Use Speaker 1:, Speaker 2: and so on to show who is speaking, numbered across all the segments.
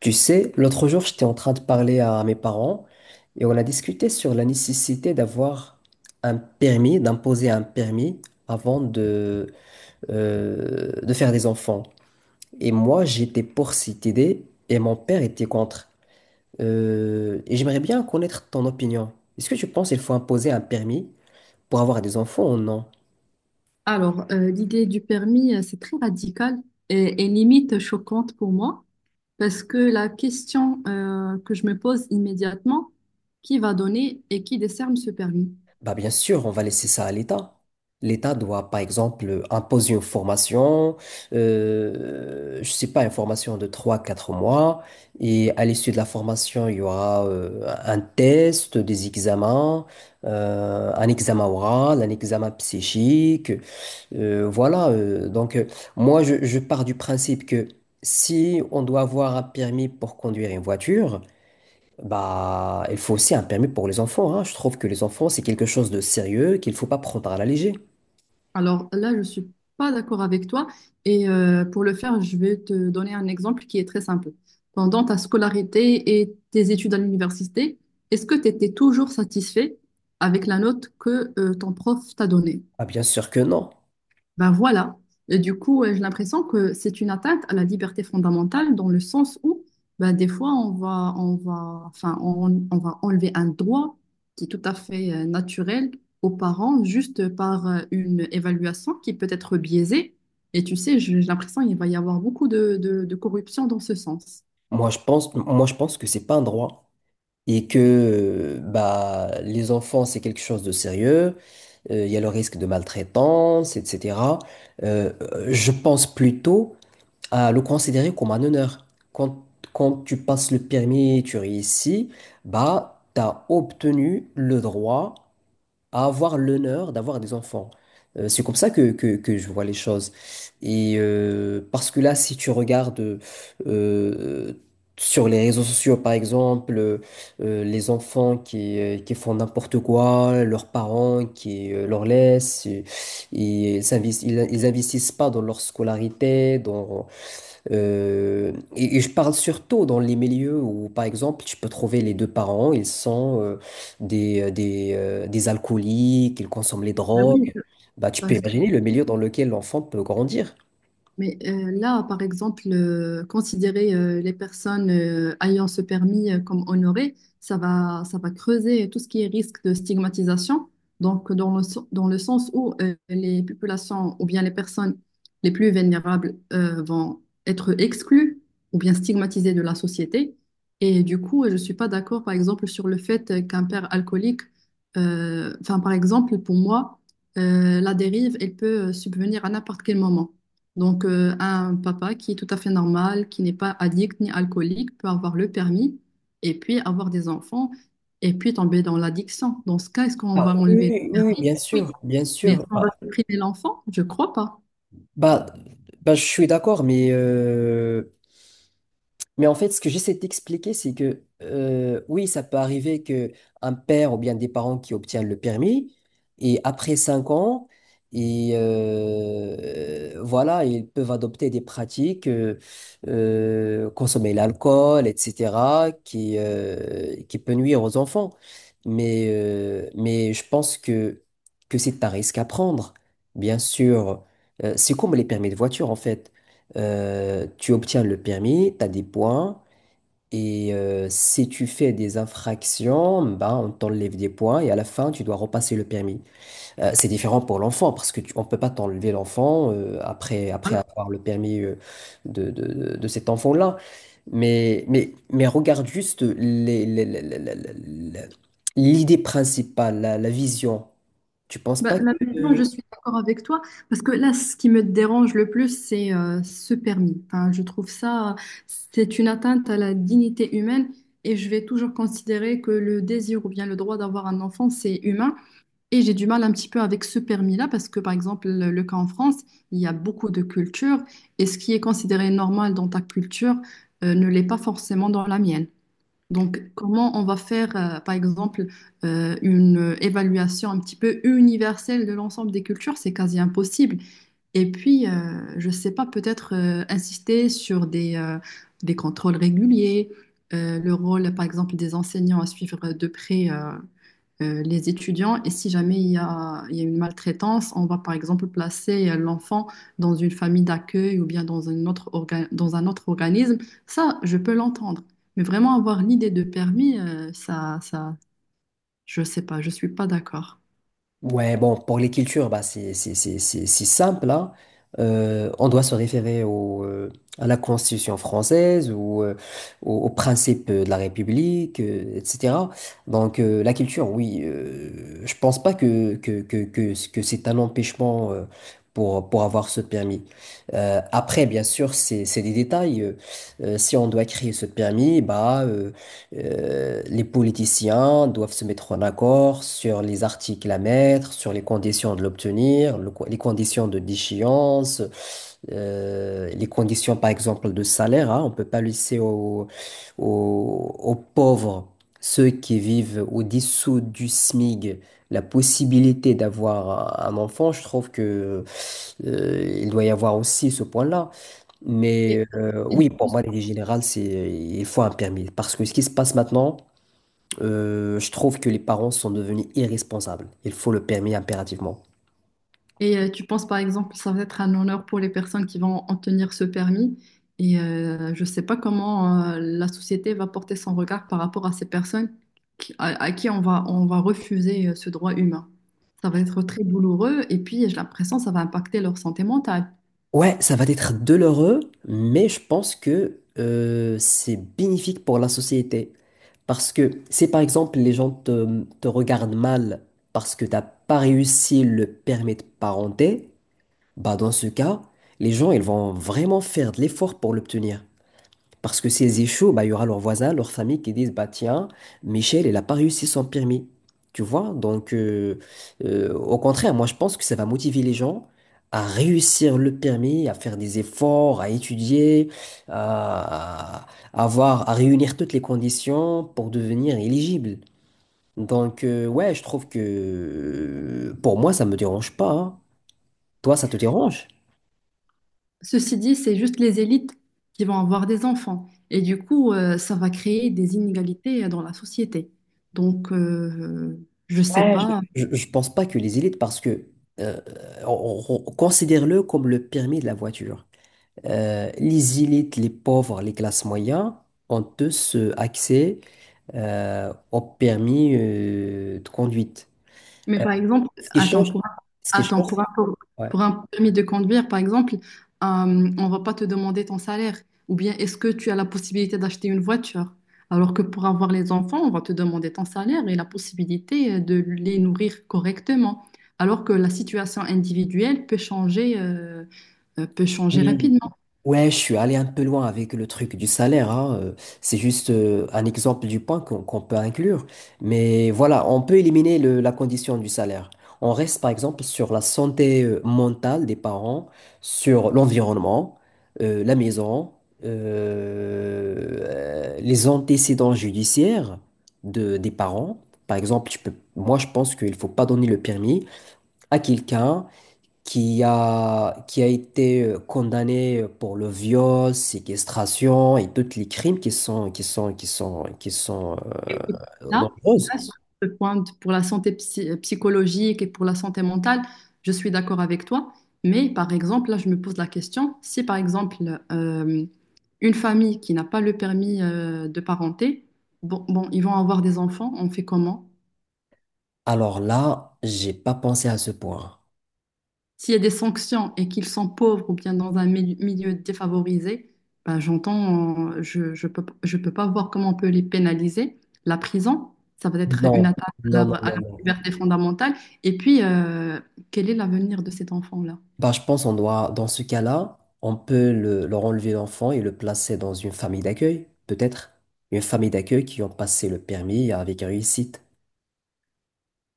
Speaker 1: Tu sais, l'autre jour, j'étais en train de parler à mes parents et on a discuté sur la nécessité d'avoir un permis, d'imposer un permis avant de faire des enfants. Et moi, j'étais pour cette idée et mon père était contre. Et j'aimerais bien connaître ton opinion. Est-ce que tu penses qu'il faut imposer un permis pour avoir des enfants ou non?
Speaker 2: Alors, l'idée du permis, c'est très radical et limite choquante pour moi parce que la question que je me pose immédiatement, qui va donner et qui décerne ce permis?
Speaker 1: Bah bien sûr, on va laisser ça à l'État. L'État doit, par exemple, imposer une formation, je sais pas, une formation de trois quatre mois, et à l'issue de la formation, il y aura un test, des examens, un examen oral, un examen psychique, voilà. Donc, moi, je pars du principe que si on doit avoir un permis pour conduire une voiture, bah, il faut aussi un permis pour les enfants, hein. Je trouve que les enfants, c'est quelque chose de sérieux qu'il ne faut pas prendre à la légère.
Speaker 2: Alors là, je suis pas d'accord avec toi et pour le faire, je vais te donner un exemple qui est très simple. Pendant ta scolarité et tes études à l'université, est-ce que tu étais toujours satisfait avec la note que ton prof t'a donnée?
Speaker 1: Ah, bien sûr que non.
Speaker 2: Ben voilà. Et du coup, j'ai l'impression que c'est une atteinte à la liberté fondamentale dans le sens où, ben, des fois, enfin, on va enlever un droit qui est tout à fait naturel aux parents juste par une évaluation qui peut être biaisée. Et tu sais, j'ai l'impression qu'il va y avoir beaucoup de corruption dans ce sens.
Speaker 1: Moi, je pense que c'est pas un droit. Et que bah, les enfants, c'est quelque chose de sérieux. Il y a le risque de maltraitance, etc. Je pense plutôt à le considérer comme un honneur. Quand, quand tu passes le permis et tu réussis, bah, tu as obtenu le droit à avoir l'honneur d'avoir des enfants. C'est comme ça que je vois les choses. Et parce que là, si tu regardes euh, sur les réseaux sociaux, par exemple, les enfants qui font n'importe quoi, leurs parents qui leur laissent, et ils investissent pas dans leur scolarité, et je parle surtout dans les milieux où, par exemple, tu peux trouver les deux parents, ils sont des alcooliques, ils consomment les
Speaker 2: Ben
Speaker 1: drogues.
Speaker 2: oui, je
Speaker 1: Bah, tu
Speaker 2: ben,
Speaker 1: peux
Speaker 2: je te
Speaker 1: imaginer le milieu dans lequel l'enfant peut grandir.
Speaker 2: mais là, par exemple, considérer les personnes ayant ce permis comme honorées, ça va creuser tout ce qui est risque de stigmatisation. Donc, dans le sens où les populations ou bien les personnes les plus vulnérables vont être exclues ou bien stigmatisées de la société. Et du coup, je ne suis pas d'accord, par exemple, sur le fait qu'un père alcoolique, enfin, par exemple, pour moi, la dérive, elle peut subvenir à n'importe quel moment. Donc, un papa qui est tout à fait normal, qui n'est pas addict ni alcoolique, peut avoir le permis et puis avoir des enfants et puis tomber dans l'addiction. Dans ce cas, est-ce qu'on
Speaker 1: Ah,
Speaker 2: va enlever
Speaker 1: oui,
Speaker 2: le
Speaker 1: oui, oui,
Speaker 2: permis?
Speaker 1: bien
Speaker 2: Oui.
Speaker 1: sûr, bien
Speaker 2: Mais
Speaker 1: sûr.
Speaker 2: est-ce qu'on va
Speaker 1: Ah.
Speaker 2: supprimer l'enfant? Je crois pas.
Speaker 1: Bah, bah, je suis d'accord, mais mais en fait, ce que j'essaie d'expliquer, c'est que oui, ça peut arriver que un père ou bien des parents qui obtiennent le permis et après 5 ans, voilà, ils peuvent adopter des pratiques, consommer l'alcool, etc., qui qui peut nuire aux enfants. Mais je pense que c'est un risque à prendre, bien sûr. C'est comme les permis de voiture en fait. Tu obtiens le permis, tu as des points, et si tu fais des infractions, ben, on t'enlève des points, et à la fin, tu dois repasser le permis. C'est différent pour l'enfant, parce que on peut pas t'enlever l'enfant après avoir le permis de, de, de cet enfant-là. Mais regarde juste l'idée principale, la vision. Tu penses
Speaker 2: Bah
Speaker 1: pas
Speaker 2: là, maintenant, je
Speaker 1: que...
Speaker 2: suis d'accord avec toi parce que là, ce qui me dérange le plus, c'est ce permis. Enfin, je trouve ça, c'est une atteinte à la dignité humaine et je vais toujours considérer que le désir ou bien le droit d'avoir un enfant, c'est humain. Et j'ai du mal un petit peu avec ce permis-là parce que, par exemple, le cas en France, il y a beaucoup de cultures et ce qui est considéré normal dans ta culture ne l'est pas forcément dans la mienne. Donc, comment on va faire, par exemple, une évaluation un petit peu universelle de l'ensemble des cultures? C'est quasi impossible. Et puis, je ne sais pas, peut-être insister sur des contrôles réguliers, le rôle, par exemple, des enseignants à suivre de près. Les étudiants. Et si jamais il y a une maltraitance, on va par exemple placer l'enfant dans une famille d'accueil ou bien dans un autre organisme. Ça, je peux l'entendre. Mais vraiment avoir l'idée de permis, je sais pas, je suis pas d'accord.
Speaker 1: Ouais, bon, pour les cultures, bah, c'est simple, hein. On doit se référer à la Constitution française ou aux principes de la République, etc. Donc, la culture, oui, je pense pas que c'est un empêchement pour avoir ce permis. Après, bien sûr, c'est des détails. Si on doit créer ce permis, bah, les politiciens doivent se mettre en accord sur les articles à mettre, sur les conditions de l'obtenir, les conditions de déchéance, les conditions par exemple de salaire, hein. On ne peut pas laisser aux pauvres, ceux qui vivent au-dessous du SMIG, la possibilité d'avoir un enfant. Je trouve que, il doit y avoir aussi ce point-là.
Speaker 2: Et-
Speaker 1: Mais
Speaker 2: et
Speaker 1: oui, pour moi, l'idée générale, c'est il faut un permis. Parce que ce qui se passe maintenant, je trouve que les parents sont devenus irresponsables. Il faut le permis impérativement.
Speaker 2: Et tu penses par exemple que ça va être un honneur pour les personnes qui vont obtenir ce permis. Et je ne sais pas comment la société va porter son regard par rapport à ces personnes à qui on va refuser ce droit humain. Ça va être très douloureux et puis j'ai l'impression que ça va impacter leur santé mentale.
Speaker 1: Ouais, ça va être douloureux, mais je pense que c'est bénéfique pour la société. Parce que si par exemple les gens te regardent mal parce que t'as pas réussi le permis de parenté, bah dans ce cas, les gens ils vont vraiment faire de l'effort pour l'obtenir. Parce que s'ils échouent, bah, il y aura leurs voisins, leurs familles qui disent, bah tiens, Michel, il n'a pas réussi son permis. Tu vois? Donc, au contraire, moi, je pense que ça va motiver les gens à réussir le permis, à faire des efforts, à étudier, à, à avoir, à réunir toutes les conditions pour devenir éligible. Donc, ouais, je trouve que pour moi, ça me dérange pas, hein. Toi, ça te dérange?
Speaker 2: Ceci dit, c'est juste les élites qui vont avoir des enfants. Et du coup, ça va créer des inégalités dans la société. Donc, je ne sais
Speaker 1: Ouais.
Speaker 2: pas.
Speaker 1: Je ne pense pas que les élites, parce que euh, considère-le comme le permis de la voiture. Les élites, les pauvres, les classes moyennes ont tous accès au permis de conduite.
Speaker 2: Mais par exemple,
Speaker 1: Ce qui change, ce qui
Speaker 2: attends,
Speaker 1: change, c'est-. Ouais.
Speaker 2: pour un permis de conduire, par exemple, on va pas te demander ton salaire. Ou bien est-ce que tu as la possibilité d'acheter une voiture? Alors que pour avoir les enfants, on va te demander ton salaire et la possibilité de les nourrir correctement. Alors que la situation individuelle peut changer
Speaker 1: Oui,
Speaker 2: rapidement.
Speaker 1: ouais, je suis allé un peu loin avec le truc du salaire, hein. C'est juste un exemple du point qu'on peut inclure. Mais voilà, on peut éliminer la condition du salaire. On reste par exemple sur la santé mentale des parents, sur l'environnement, la maison, les antécédents judiciaires des parents. Par exemple, moi je pense qu'il ne faut pas donner le permis à quelqu'un qui a été condamné pour le viol, séquestration et tous les crimes qui sont
Speaker 2: Écoute, là,
Speaker 1: nombreuses.
Speaker 2: là, sur pour la santé psychologique et pour la santé mentale, je suis d'accord avec toi. Mais par exemple, là, je me pose la question, si par exemple, euh, une famille qui n'a pas le permis de parenté, bon, ils vont avoir des enfants, on fait comment?
Speaker 1: Alors là, j'ai pas pensé à ce point.
Speaker 2: S'il y a des sanctions et qu'ils sont pauvres ou bien dans un milieu défavorisé, ben, j'entends, je peux pas voir comment on peut les pénaliser. La prison, ça va être
Speaker 1: Non,
Speaker 2: une attaque
Speaker 1: non, non,
Speaker 2: à
Speaker 1: non,
Speaker 2: leur
Speaker 1: non.
Speaker 2: liberté fondamentale. Et puis, quel est l'avenir de cet enfant-là?
Speaker 1: Bah, je pense on doit, dans ce cas-là, on peut leur enlever l'enfant et le placer dans une famille d'accueil, peut-être. Une famille d'accueil qui ont passé le permis avec réussite.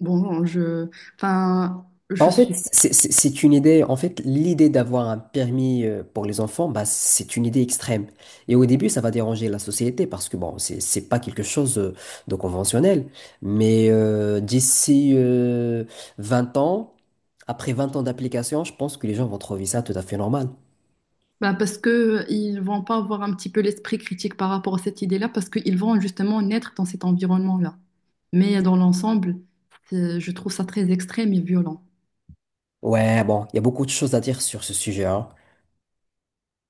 Speaker 2: Bon, enfin,
Speaker 1: Bah, en
Speaker 2: je
Speaker 1: fait,
Speaker 2: suis.
Speaker 1: c'est une idée. En fait, l'idée d'avoir un permis pour les enfants, bah, c'est une idée extrême. Et au début, ça va déranger la société parce que bon, c'est pas quelque chose de conventionnel. Mais d'ici 20 ans, après 20 ans d'application, je pense que les gens vont trouver ça tout à fait normal.
Speaker 2: Ben, parce que ils vont pas avoir un petit peu l'esprit critique par rapport à cette idée-là, parce qu'ils vont justement naître dans cet environnement-là. Mais dans l'ensemble, je trouve ça très extrême et violent.
Speaker 1: Ouais, bon, il y a beaucoup de choses à dire sur ce sujet, hein.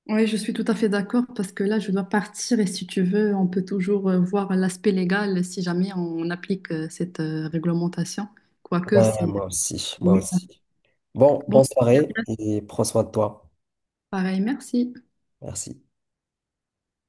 Speaker 2: Oui, je suis tout à fait d'accord parce que là, je dois partir et si tu veux, on peut toujours voir l'aspect légal si jamais on applique cette réglementation. Quoique,
Speaker 1: Ouais,
Speaker 2: c'est...
Speaker 1: moi aussi, moi aussi. Bon,
Speaker 2: Bon,
Speaker 1: bonne soirée et prends soin de toi.
Speaker 2: pareil, merci.
Speaker 1: Merci.